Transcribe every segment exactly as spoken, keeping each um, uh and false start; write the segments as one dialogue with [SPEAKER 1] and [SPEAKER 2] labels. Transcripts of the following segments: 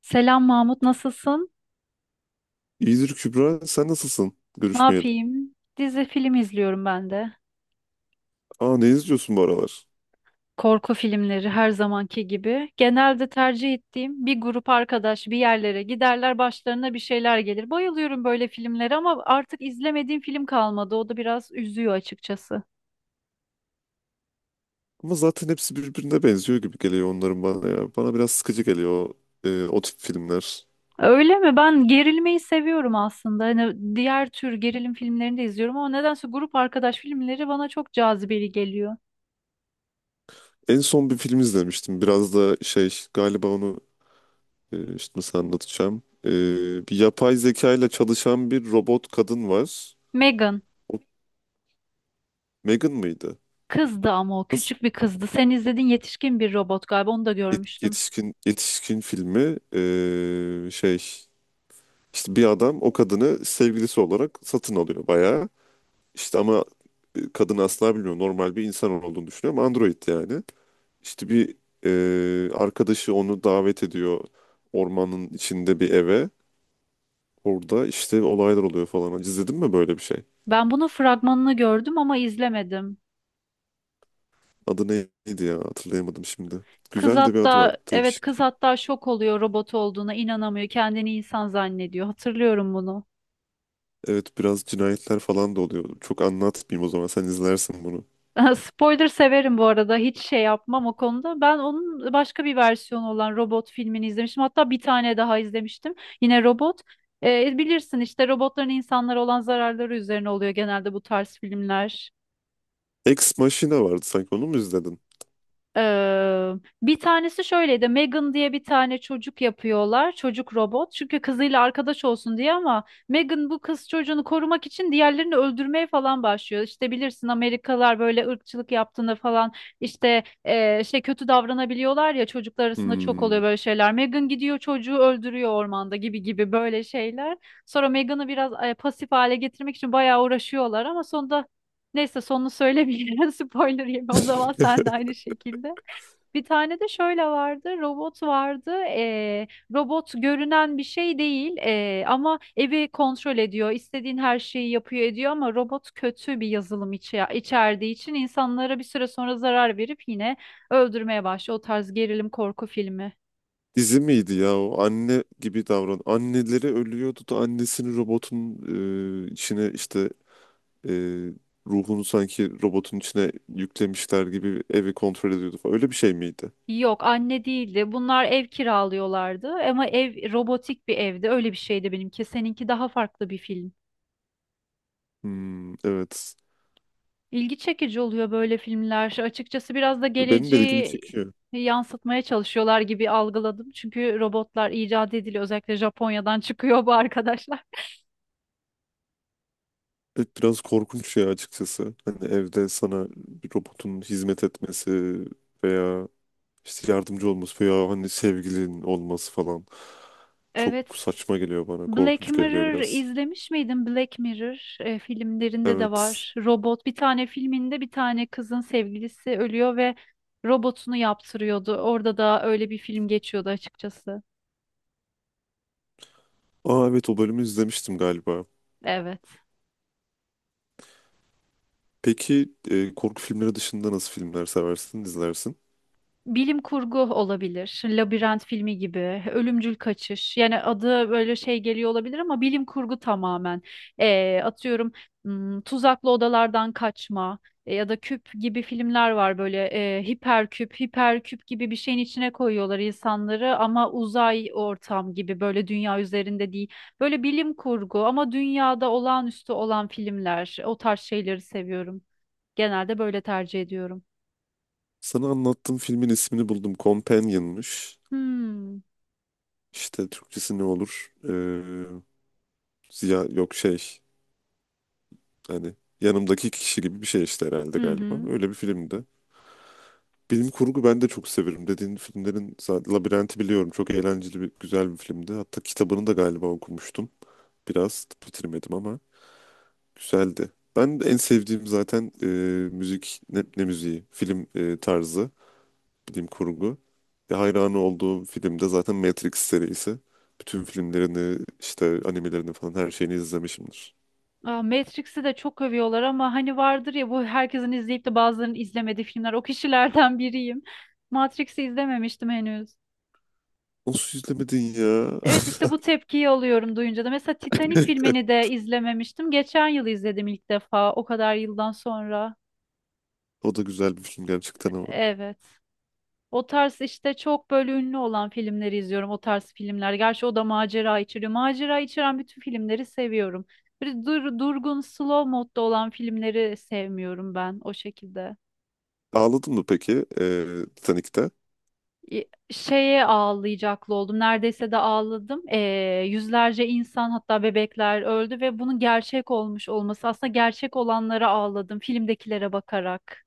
[SPEAKER 1] Selam Mahmut, nasılsın?
[SPEAKER 2] İyidir Kübra. Sen nasılsın?
[SPEAKER 1] Ne
[SPEAKER 2] Görüşmeyeli.
[SPEAKER 1] yapayım? Dizi film izliyorum ben de.
[SPEAKER 2] Aa, ne izliyorsun bu aralar?
[SPEAKER 1] Korku filmleri her zamanki gibi. Genelde tercih ettiğim bir grup arkadaş bir yerlere giderler, başlarına bir şeyler gelir. Bayılıyorum böyle filmlere ama artık izlemediğim film kalmadı. O da biraz üzüyor açıkçası.
[SPEAKER 2] Ama zaten hepsi birbirine benziyor gibi geliyor onların bana ya. Bana biraz sıkıcı geliyor o, e, o tip filmler.
[SPEAKER 1] Öyle mi? Ben gerilmeyi seviyorum aslında. Hani diğer tür gerilim filmlerini de izliyorum ama nedense grup arkadaş filmleri bana çok cazibeli geliyor.
[SPEAKER 2] En son bir film izlemiştim. Biraz da şey galiba onu e, işte nasıl anlatacağım. E, bir yapay zeka ile çalışan bir robot kadın var.
[SPEAKER 1] Megan.
[SPEAKER 2] O Megan mıydı?
[SPEAKER 1] Kızdı ama o
[SPEAKER 2] Nasıl?
[SPEAKER 1] küçük bir kızdı. Sen izledin yetişkin bir robot galiba onu da
[SPEAKER 2] Yet-
[SPEAKER 1] görmüştüm.
[SPEAKER 2] Yetişkin yetişkin filmi e, şey, işte bir adam o kadını sevgilisi olarak satın alıyor bayağı. İşte ama e, kadın asla bilmiyor. Normal bir insan olduğunu düşünüyor ama android yani. İşte bir e, arkadaşı onu davet ediyor ormanın içinde bir eve. Orada işte olaylar oluyor falan. Hiç İzledin mi böyle bir şey?
[SPEAKER 1] Ben bunun fragmanını gördüm ama izlemedim.
[SPEAKER 2] Adı neydi ya? Hatırlayamadım şimdi.
[SPEAKER 1] Kız
[SPEAKER 2] Güzel de bir adı var.
[SPEAKER 1] hatta evet kız
[SPEAKER 2] Değişik.
[SPEAKER 1] hatta şok oluyor robot olduğuna inanamıyor. Kendini insan zannediyor. Hatırlıyorum bunu.
[SPEAKER 2] Evet, biraz cinayetler falan da oluyor. Çok anlatmayayım o zaman. Sen izlersin bunu.
[SPEAKER 1] Spoiler severim bu arada. Hiç şey yapmam o konuda. Ben onun başka bir versiyonu olan robot filmini izlemiştim. Hatta bir tane daha izlemiştim. Yine robot. Ee, bilirsin işte robotların insanlara olan zararları üzerine oluyor genelde bu tarz filmler.
[SPEAKER 2] Ex Machina vardı sanki. Onu mu izledin?
[SPEAKER 1] Ee, bir tanesi şöyleydi. Megan diye bir tane çocuk yapıyorlar. Çocuk robot. Çünkü kızıyla arkadaş olsun diye ama Megan bu kız çocuğunu korumak için diğerlerini öldürmeye falan başlıyor. İşte bilirsin Amerikalılar böyle ırkçılık yaptığında falan işte e, şey kötü davranabiliyorlar ya çocuklar arasında çok
[SPEAKER 2] Hmm.
[SPEAKER 1] oluyor böyle şeyler. Megan gidiyor çocuğu öldürüyor ormanda gibi gibi böyle şeyler. Sonra Megan'ı biraz e, pasif hale getirmek için bayağı uğraşıyorlar ama sonunda neyse sonunu söylemeyeyim. Spoiler yeme o zaman sen de aynı şekilde. Bir tane de şöyle vardı, robot vardı. Ee, robot görünen bir şey değil ee, ama evi kontrol ediyor, istediğin her şeyi yapıyor ediyor ama robot kötü bir yazılım içe içerdiği için insanlara bir süre sonra zarar verip yine öldürmeye başlıyor. O tarz gerilim korku filmi.
[SPEAKER 2] Dizi miydi ya o anne gibi davran. Anneleri ölüyordu da annesini robotun e, içine, işte e, ruhunu sanki robotun içine yüklemişler gibi evi kontrol ediyordu falan. Öyle bir şey miydi?
[SPEAKER 1] Yok, anne değildi. Bunlar ev kiralıyorlardı ama ev robotik bir evdi. Öyle bir şeydi benimki. Seninki daha farklı bir film.
[SPEAKER 2] Hmm, evet.
[SPEAKER 1] İlgi çekici oluyor böyle filmler. Açıkçası biraz da
[SPEAKER 2] Benim de ilgimi
[SPEAKER 1] geleceği
[SPEAKER 2] çekiyor.
[SPEAKER 1] yansıtmaya çalışıyorlar gibi algıladım. Çünkü robotlar icat ediliyor. Özellikle Japonya'dan çıkıyor bu arkadaşlar.
[SPEAKER 2] Evet, biraz korkunç ya açıkçası. Hani evde sana bir robotun hizmet etmesi veya işte yardımcı olması veya hani sevgilin olması falan
[SPEAKER 1] Evet.
[SPEAKER 2] çok saçma geliyor bana.
[SPEAKER 1] Black
[SPEAKER 2] Korkunç geliyor
[SPEAKER 1] Mirror
[SPEAKER 2] biraz.
[SPEAKER 1] izlemiş miydin? Black Mirror e, filmlerinde de
[SPEAKER 2] Evet.
[SPEAKER 1] var. Robot bir tane filminde bir tane kızın sevgilisi ölüyor ve robotunu yaptırıyordu. Orada da öyle bir film geçiyordu açıkçası.
[SPEAKER 2] Aa evet, o bölümü izlemiştim galiba.
[SPEAKER 1] Evet.
[SPEAKER 2] Peki e, korku filmleri dışında nasıl filmler seversin, izlersin?
[SPEAKER 1] Bilim kurgu olabilir. Labirent filmi gibi, Ölümcül Kaçış. Yani adı böyle şey geliyor olabilir ama bilim kurgu tamamen. Ee, atıyorum hmm, tuzaklı odalardan kaçma e, ya da küp gibi filmler var böyle e, hiperküp, hiperküp gibi bir şeyin içine koyuyorlar insanları ama uzay ortam gibi böyle dünya üzerinde değil. Böyle bilim kurgu ama dünyada olağanüstü olan filmler. O tarz şeyleri seviyorum. Genelde böyle tercih ediyorum.
[SPEAKER 2] Sana anlattığım filmin ismini buldum. Companion'mış.
[SPEAKER 1] Hmm.
[SPEAKER 2] İşte Türkçesi ne olur? Ee, ziya yok şey, hani yanımdaki kişi gibi bir şey işte herhalde
[SPEAKER 1] Hı
[SPEAKER 2] galiba.
[SPEAKER 1] hı.
[SPEAKER 2] Öyle bir filmdi. Bilim kurgu ben de çok severim. Dediğin filmlerin zaten Labirenti biliyorum. Çok eğlenceli bir güzel bir filmdi. Hatta kitabını da galiba okumuştum. Biraz bitirmedim ama güzeldi. Ben de en sevdiğim zaten e, müzik ne, ne müziği? Film e, tarzı, bilim kurgu. Ve hayranı olduğum film de zaten Matrix serisi. Bütün filmlerini, işte animelerini falan her şeyini izlemişimdir.
[SPEAKER 1] Aa, Matrix'i de çok övüyorlar ama hani vardır ya bu herkesin izleyip de bazılarının izlemediği filmler. O kişilerden biriyim. Matrix'i izlememiştim henüz.
[SPEAKER 2] Nasıl izlemedin ya?
[SPEAKER 1] Evet işte bu tepkiyi alıyorum duyunca da. Mesela Titanic filmini de izlememiştim. Geçen yıl izledim ilk defa o kadar yıldan sonra.
[SPEAKER 2] O da güzel bir film gerçekten ama.
[SPEAKER 1] Evet. O tarz işte çok böyle ünlü olan filmleri izliyorum. O tarz filmler. Gerçi o da macera içeriyor. Macera içeren bütün filmleri seviyorum. Böyle dur, durgun, slow modda olan filmleri sevmiyorum ben o şekilde.
[SPEAKER 2] Ağladın mı peki e, Titanic'te?
[SPEAKER 1] Y- şeye ağlayacaklı oldum. Neredeyse de ağladım. Ee, yüzlerce insan hatta bebekler öldü ve bunun gerçek olmuş olması aslında gerçek olanlara ağladım filmdekilere bakarak.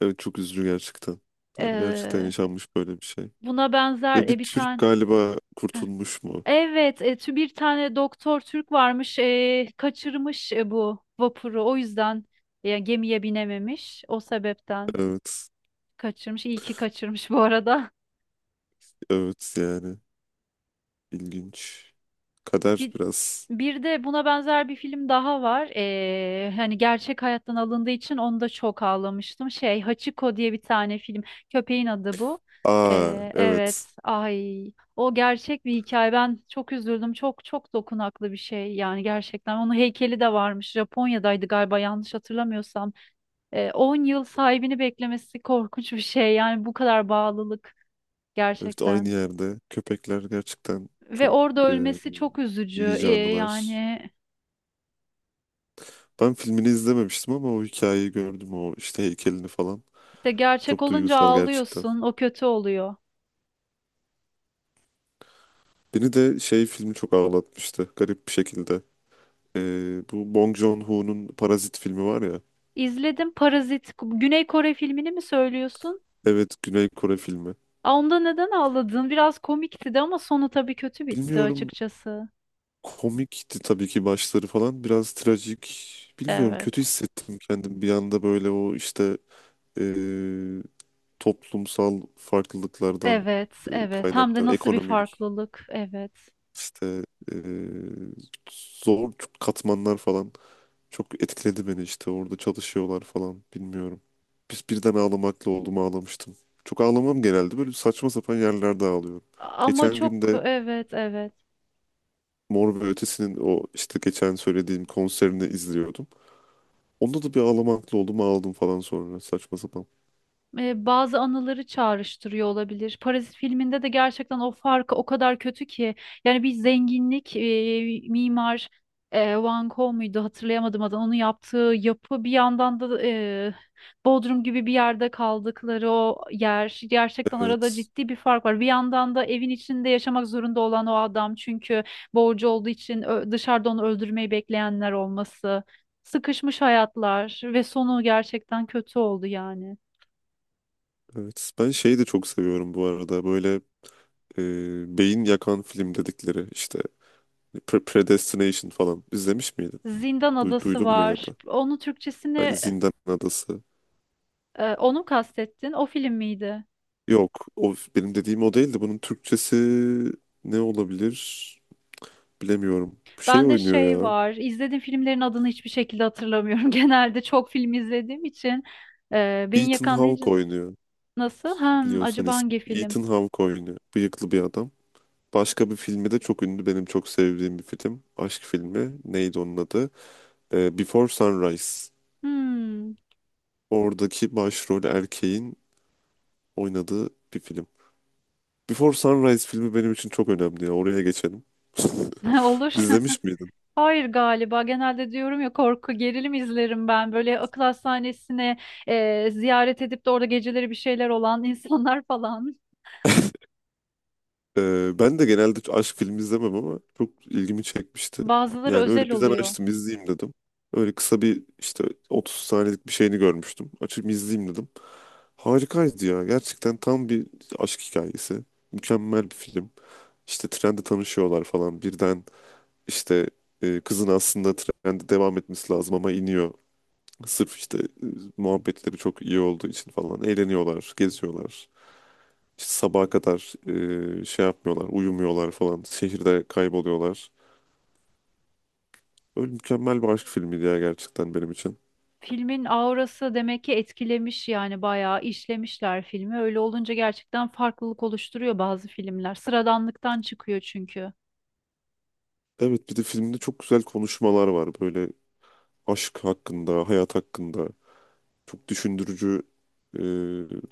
[SPEAKER 2] Evet, çok üzücü gerçekten. Yani gerçekten
[SPEAKER 1] Ee,
[SPEAKER 2] yaşanmış böyle bir şey.
[SPEAKER 1] buna benzer
[SPEAKER 2] Ve bir
[SPEAKER 1] e, bir
[SPEAKER 2] Türk
[SPEAKER 1] tane.
[SPEAKER 2] galiba
[SPEAKER 1] Heh.
[SPEAKER 2] kurtulmuş mu?
[SPEAKER 1] Evet, e, tü- bir tane doktor Türk varmış, e, kaçırmış e, bu vapuru. O yüzden e, gemiye binememiş. O sebepten
[SPEAKER 2] Evet.
[SPEAKER 1] kaçırmış. İyi ki kaçırmış bu arada.
[SPEAKER 2] Evet yani. İlginç. Kader
[SPEAKER 1] Bir,
[SPEAKER 2] biraz.
[SPEAKER 1] bir de buna benzer bir film daha var. Ee, hani gerçek hayattan alındığı için onu da çok ağlamıştım. Şey Hachiko diye bir tane film. Köpeğin adı bu.
[SPEAKER 2] Aa
[SPEAKER 1] Ee,
[SPEAKER 2] evet.
[SPEAKER 1] evet. Ay. O gerçek bir hikaye. Ben çok üzüldüm. Çok çok dokunaklı bir şey. Yani gerçekten. Onun heykeli de varmış. Japonya'daydı galiba yanlış hatırlamıyorsam. Ee, on yıl sahibini beklemesi korkunç bir şey. Yani bu kadar bağlılık
[SPEAKER 2] Evet, aynı
[SPEAKER 1] gerçekten.
[SPEAKER 2] yerde. Köpekler gerçekten
[SPEAKER 1] Ve
[SPEAKER 2] çok
[SPEAKER 1] orada
[SPEAKER 2] e,
[SPEAKER 1] ölmesi çok üzücü.
[SPEAKER 2] iyi
[SPEAKER 1] Ee,
[SPEAKER 2] canlılar.
[SPEAKER 1] yani
[SPEAKER 2] Ben filmini izlememiştim ama o hikayeyi gördüm. O işte heykelini falan.
[SPEAKER 1] İşte gerçek
[SPEAKER 2] Çok
[SPEAKER 1] olunca
[SPEAKER 2] duygusal gerçekten.
[SPEAKER 1] ağlıyorsun, o kötü oluyor.
[SPEAKER 2] Beni de şey filmi çok ağlatmıştı. Garip bir şekilde. E, Bu Bong Joon-ho'nun Parazit filmi var ya.
[SPEAKER 1] İzledim Parazit, Güney Kore filmini mi söylüyorsun?
[SPEAKER 2] Evet, Güney Kore filmi.
[SPEAKER 1] Aa, onda neden ağladın? Biraz komikti de ama sonu tabii kötü bitti
[SPEAKER 2] Bilmiyorum,
[SPEAKER 1] açıkçası.
[SPEAKER 2] komikti tabii ki başları falan. Biraz trajik. Bilmiyorum,
[SPEAKER 1] Evet.
[SPEAKER 2] kötü hissettim kendim bir anda böyle o işte e, toplumsal farklılıklardan
[SPEAKER 1] Evet,
[SPEAKER 2] e,
[SPEAKER 1] evet. Hem de
[SPEAKER 2] kaynaklanan
[SPEAKER 1] nasıl bir
[SPEAKER 2] ekonomik
[SPEAKER 1] farklılık. Evet.
[SPEAKER 2] işte e, zor katmanlar falan çok etkiledi beni işte orada çalışıyorlar falan bilmiyorum. Biz birden ağlamakla oldum ağlamıştım. Çok ağlamam, genelde böyle saçma sapan yerlerde ağlıyorum.
[SPEAKER 1] Ama
[SPEAKER 2] Geçen gün
[SPEAKER 1] çok
[SPEAKER 2] de
[SPEAKER 1] evet, evet.
[SPEAKER 2] Mor ve Ötesi'nin o işte geçen söylediğim konserini izliyordum. Onda da bir ağlamaklı oldum ağladım falan sonra saçma sapan.
[SPEAKER 1] E, bazı anıları çağrıştırıyor olabilir. Parazit filminde de gerçekten o farkı o kadar kötü ki yani bir zenginlik e, mimar e, Van Gogh muydu hatırlayamadım adını onun yaptığı yapı bir yandan da e, Bodrum gibi bir yerde kaldıkları o yer gerçekten arada
[SPEAKER 2] Evet.
[SPEAKER 1] ciddi bir fark var. Bir yandan da evin içinde yaşamak zorunda olan o adam çünkü borcu olduğu için ö- dışarıda onu öldürmeyi bekleyenler olması. Sıkışmış hayatlar ve sonu gerçekten kötü oldu yani.
[SPEAKER 2] Evet. Ben şeyi de çok seviyorum bu arada. Böyle e, beyin yakan film dedikleri işte, Pre- Predestination falan izlemiş miydin?
[SPEAKER 1] Zindan
[SPEAKER 2] Du-
[SPEAKER 1] Adası
[SPEAKER 2] duydun mu ya
[SPEAKER 1] var.
[SPEAKER 2] da?
[SPEAKER 1] Onun
[SPEAKER 2] Hani
[SPEAKER 1] Türkçesini
[SPEAKER 2] Zindan Adası.
[SPEAKER 1] e, onu mu kastettin? O film miydi?
[SPEAKER 2] Yok, o benim dediğim o değildi. Bunun Türkçesi ne olabilir bilemiyorum. Şey
[SPEAKER 1] Ben de
[SPEAKER 2] oynuyor
[SPEAKER 1] şey
[SPEAKER 2] ya.
[SPEAKER 1] var. İzlediğim filmlerin adını hiçbir şekilde hatırlamıyorum. Genelde çok film izlediğim için e, beni
[SPEAKER 2] Ethan
[SPEAKER 1] yakan deyince
[SPEAKER 2] Hawke oynuyor.
[SPEAKER 1] nasıl? Hmm,
[SPEAKER 2] Biliyorsan
[SPEAKER 1] acaba
[SPEAKER 2] ismi.
[SPEAKER 1] hangi film?
[SPEAKER 2] Ethan Hawke oynuyor. Bıyıklı bir adam. Başka bir filmi de çok ünlü. Benim çok sevdiğim bir film. Aşk filmi. Neydi onun adı? Ee, Before Sunrise.
[SPEAKER 1] Hmm,
[SPEAKER 2] Oradaki başrol erkeğin oynadığı bir film. Before Sunrise filmi benim için çok önemli ya. Oraya geçelim.
[SPEAKER 1] olur.
[SPEAKER 2] İzlemiş miydin?
[SPEAKER 1] Hayır galiba. Genelde diyorum ya korku, gerilim izlerim ben. Böyle akıl hastanesine e, ziyaret edip de orada geceleri bir şeyler olan insanlar falan.
[SPEAKER 2] Ee, ben de genelde aşk filmi izlemem ama çok ilgimi çekmişti.
[SPEAKER 1] Bazıları
[SPEAKER 2] Yani öyle
[SPEAKER 1] özel
[SPEAKER 2] birden
[SPEAKER 1] oluyor.
[SPEAKER 2] açtım izleyeyim dedim. Öyle kısa bir işte otuz saniyelik bir şeyini görmüştüm. Açıp izleyeyim dedim. Harikaydı ya. Gerçekten tam bir aşk hikayesi. Mükemmel bir film. İşte trende tanışıyorlar falan. Birden işte e, kızın aslında trende devam etmesi lazım ama iniyor. Sırf işte e, muhabbetleri çok iyi olduğu için falan eğleniyorlar, geziyorlar. İşte sabaha kadar e, şey yapmıyorlar, uyumuyorlar falan. Şehirde kayboluyorlar. Öyle mükemmel bir aşk filmiydi ya gerçekten benim için.
[SPEAKER 1] Filmin aurası demek ki etkilemiş yani bayağı işlemişler filmi. Öyle olunca gerçekten farklılık oluşturuyor bazı filmler. Sıradanlıktan çıkıyor çünkü.
[SPEAKER 2] Evet, bir de filmde çok güzel konuşmalar var. Böyle aşk hakkında, hayat hakkında. Çok düşündürücü, e,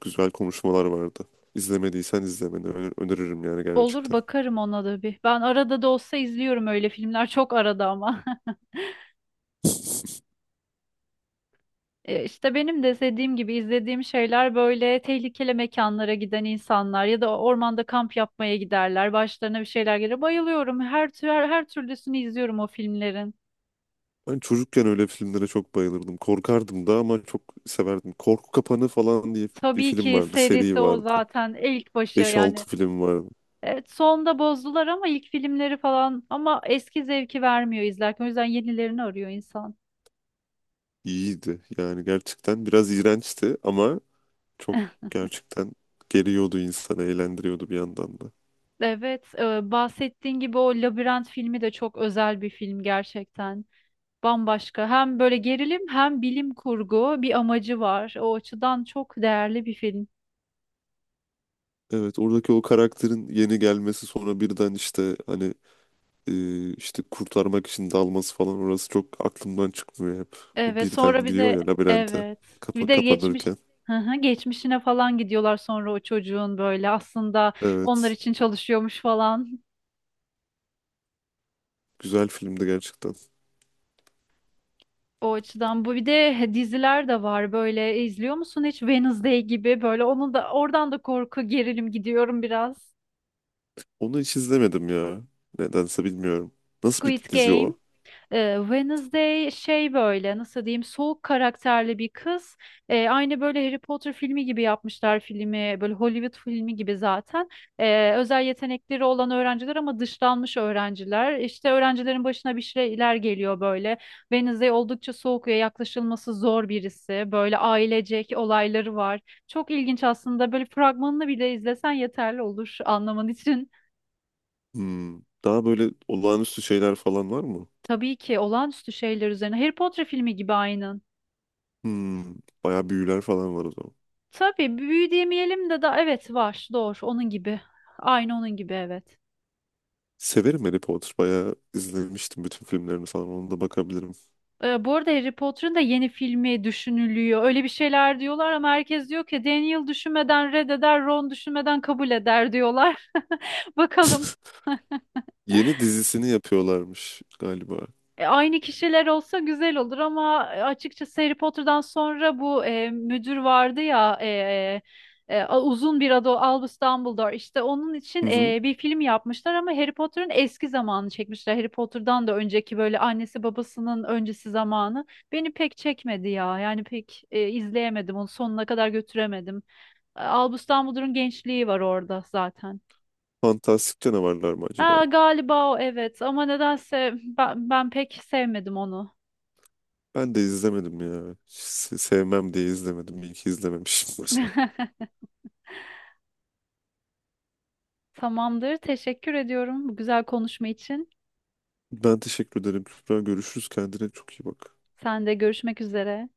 [SPEAKER 2] güzel konuşmalar vardı. İzlemediysen izlemeni ö- öneririm yani
[SPEAKER 1] Olur
[SPEAKER 2] gerçekten.
[SPEAKER 1] bakarım ona da bir. Ben arada da olsa izliyorum öyle filmler. Çok arada ama. E, İşte benim de dediğim gibi izlediğim şeyler böyle tehlikeli mekanlara giden insanlar ya da ormanda kamp yapmaya giderler. Başlarına bir şeyler gelir. Bayılıyorum. Her tür her, her türlüsünü izliyorum o filmlerin.
[SPEAKER 2] Ben çocukken öyle filmlere çok bayılırdım. Korkardım da ama çok severdim. Korku Kapanı falan diye bir
[SPEAKER 1] Tabii
[SPEAKER 2] film
[SPEAKER 1] ki
[SPEAKER 2] vardı. Seri
[SPEAKER 1] serisi o
[SPEAKER 2] vardı.
[SPEAKER 1] zaten ilk başı
[SPEAKER 2] Beş
[SPEAKER 1] yani.
[SPEAKER 2] altı film vardı.
[SPEAKER 1] Evet, sonda bozdular ama ilk filmleri falan ama eski zevki vermiyor izlerken. O yüzden yenilerini arıyor insan.
[SPEAKER 2] İyiydi. Yani gerçekten biraz iğrençti ama çok gerçekten geliyordu insanı, eğlendiriyordu bir yandan da.
[SPEAKER 1] Evet, e, bahsettiğin gibi o Labirent filmi de çok özel bir film gerçekten. Bambaşka. Hem böyle gerilim hem bilim kurgu bir amacı var. O açıdan çok değerli bir film.
[SPEAKER 2] Evet, oradaki o karakterin yeni gelmesi sonra birden işte hani e, işte kurtarmak için dalması falan orası çok aklımdan çıkmıyor hep. O
[SPEAKER 1] Evet, sonra
[SPEAKER 2] birden
[SPEAKER 1] bir
[SPEAKER 2] giriyor ya
[SPEAKER 1] de
[SPEAKER 2] labirente
[SPEAKER 1] evet.
[SPEAKER 2] kapa
[SPEAKER 1] Bir de geçmiş.
[SPEAKER 2] kapanırken.
[SPEAKER 1] Hı hı, geçmişine falan gidiyorlar sonra o çocuğun böyle aslında onlar
[SPEAKER 2] Evet,
[SPEAKER 1] için çalışıyormuş falan.
[SPEAKER 2] güzel filmdi gerçekten.
[SPEAKER 1] O açıdan bu bir de diziler de var böyle. E, izliyor musun hiç Wednesday gibi böyle onu da oradan da korku gerilim gidiyorum biraz.
[SPEAKER 2] Onu hiç izlemedim ya. Nedense bilmiyorum. Nasıl bir
[SPEAKER 1] Squid
[SPEAKER 2] dizi
[SPEAKER 1] Game.
[SPEAKER 2] o?
[SPEAKER 1] Ee, Wednesday şey böyle nasıl diyeyim soğuk karakterli bir kız. Ee, aynı böyle Harry Potter filmi gibi yapmışlar filmi böyle Hollywood filmi gibi zaten. Ee, özel yetenekleri olan öğrenciler ama dışlanmış öğrenciler. İşte öğrencilerin başına bir şeyler geliyor böyle. Wednesday oldukça soğuk ve yaklaşılması zor birisi. Böyle ailecek olayları var. Çok ilginç aslında böyle fragmanını bile izlesen yeterli olur anlaman için.
[SPEAKER 2] Hmm. Daha böyle olağanüstü şeyler falan var mı?
[SPEAKER 1] Tabii ki olağanüstü şeyler üzerine. Harry Potter filmi gibi aynen.
[SPEAKER 2] Hmm. Bayağı büyüler falan var o zaman.
[SPEAKER 1] Tabii büyü demeyelim de da evet var doğru onun gibi. Aynı onun gibi evet.
[SPEAKER 2] Severim Harry Potter. Bayağı izlemiştim bütün filmlerini falan. Onu da bakabilirim.
[SPEAKER 1] Ee, bu arada Harry Potter'ın da yeni filmi düşünülüyor. Öyle bir şeyler diyorlar ama herkes diyor ki Daniel düşünmeden reddeder, Ron düşünmeden kabul eder diyorlar. Bakalım.
[SPEAKER 2] Yeni dizisini yapıyorlarmış galiba.
[SPEAKER 1] E, aynı kişiler olsa güzel olur ama e, açıkçası Harry Potter'dan sonra bu e, müdür vardı ya e, e, e, a- uzun bir adı o, Albus Dumbledore işte onun için
[SPEAKER 2] Hı hı.
[SPEAKER 1] e, bir film yapmışlar ama Harry Potter'ın eski zamanını çekmişler. Harry Potter'dan da önceki böyle annesi babasının öncesi zamanı beni pek çekmedi ya yani pek e, izleyemedim onu sonuna kadar götüremedim. E, Albus Dumbledore'un gençliği var orada zaten.
[SPEAKER 2] Fantastik Canavarlar mı acaba?
[SPEAKER 1] Ha, galiba o evet ama nedense ben, ben pek sevmedim onu.
[SPEAKER 2] Ben de izlemedim ya. Se- Sevmem diye izlemedim. İyi ki izlememişim.
[SPEAKER 1] Tamamdır. Teşekkür ediyorum bu güzel konuşma için.
[SPEAKER 2] Ben teşekkür ederim. Kübra, görüşürüz. Kendine çok iyi bak.
[SPEAKER 1] Sen de görüşmek üzere.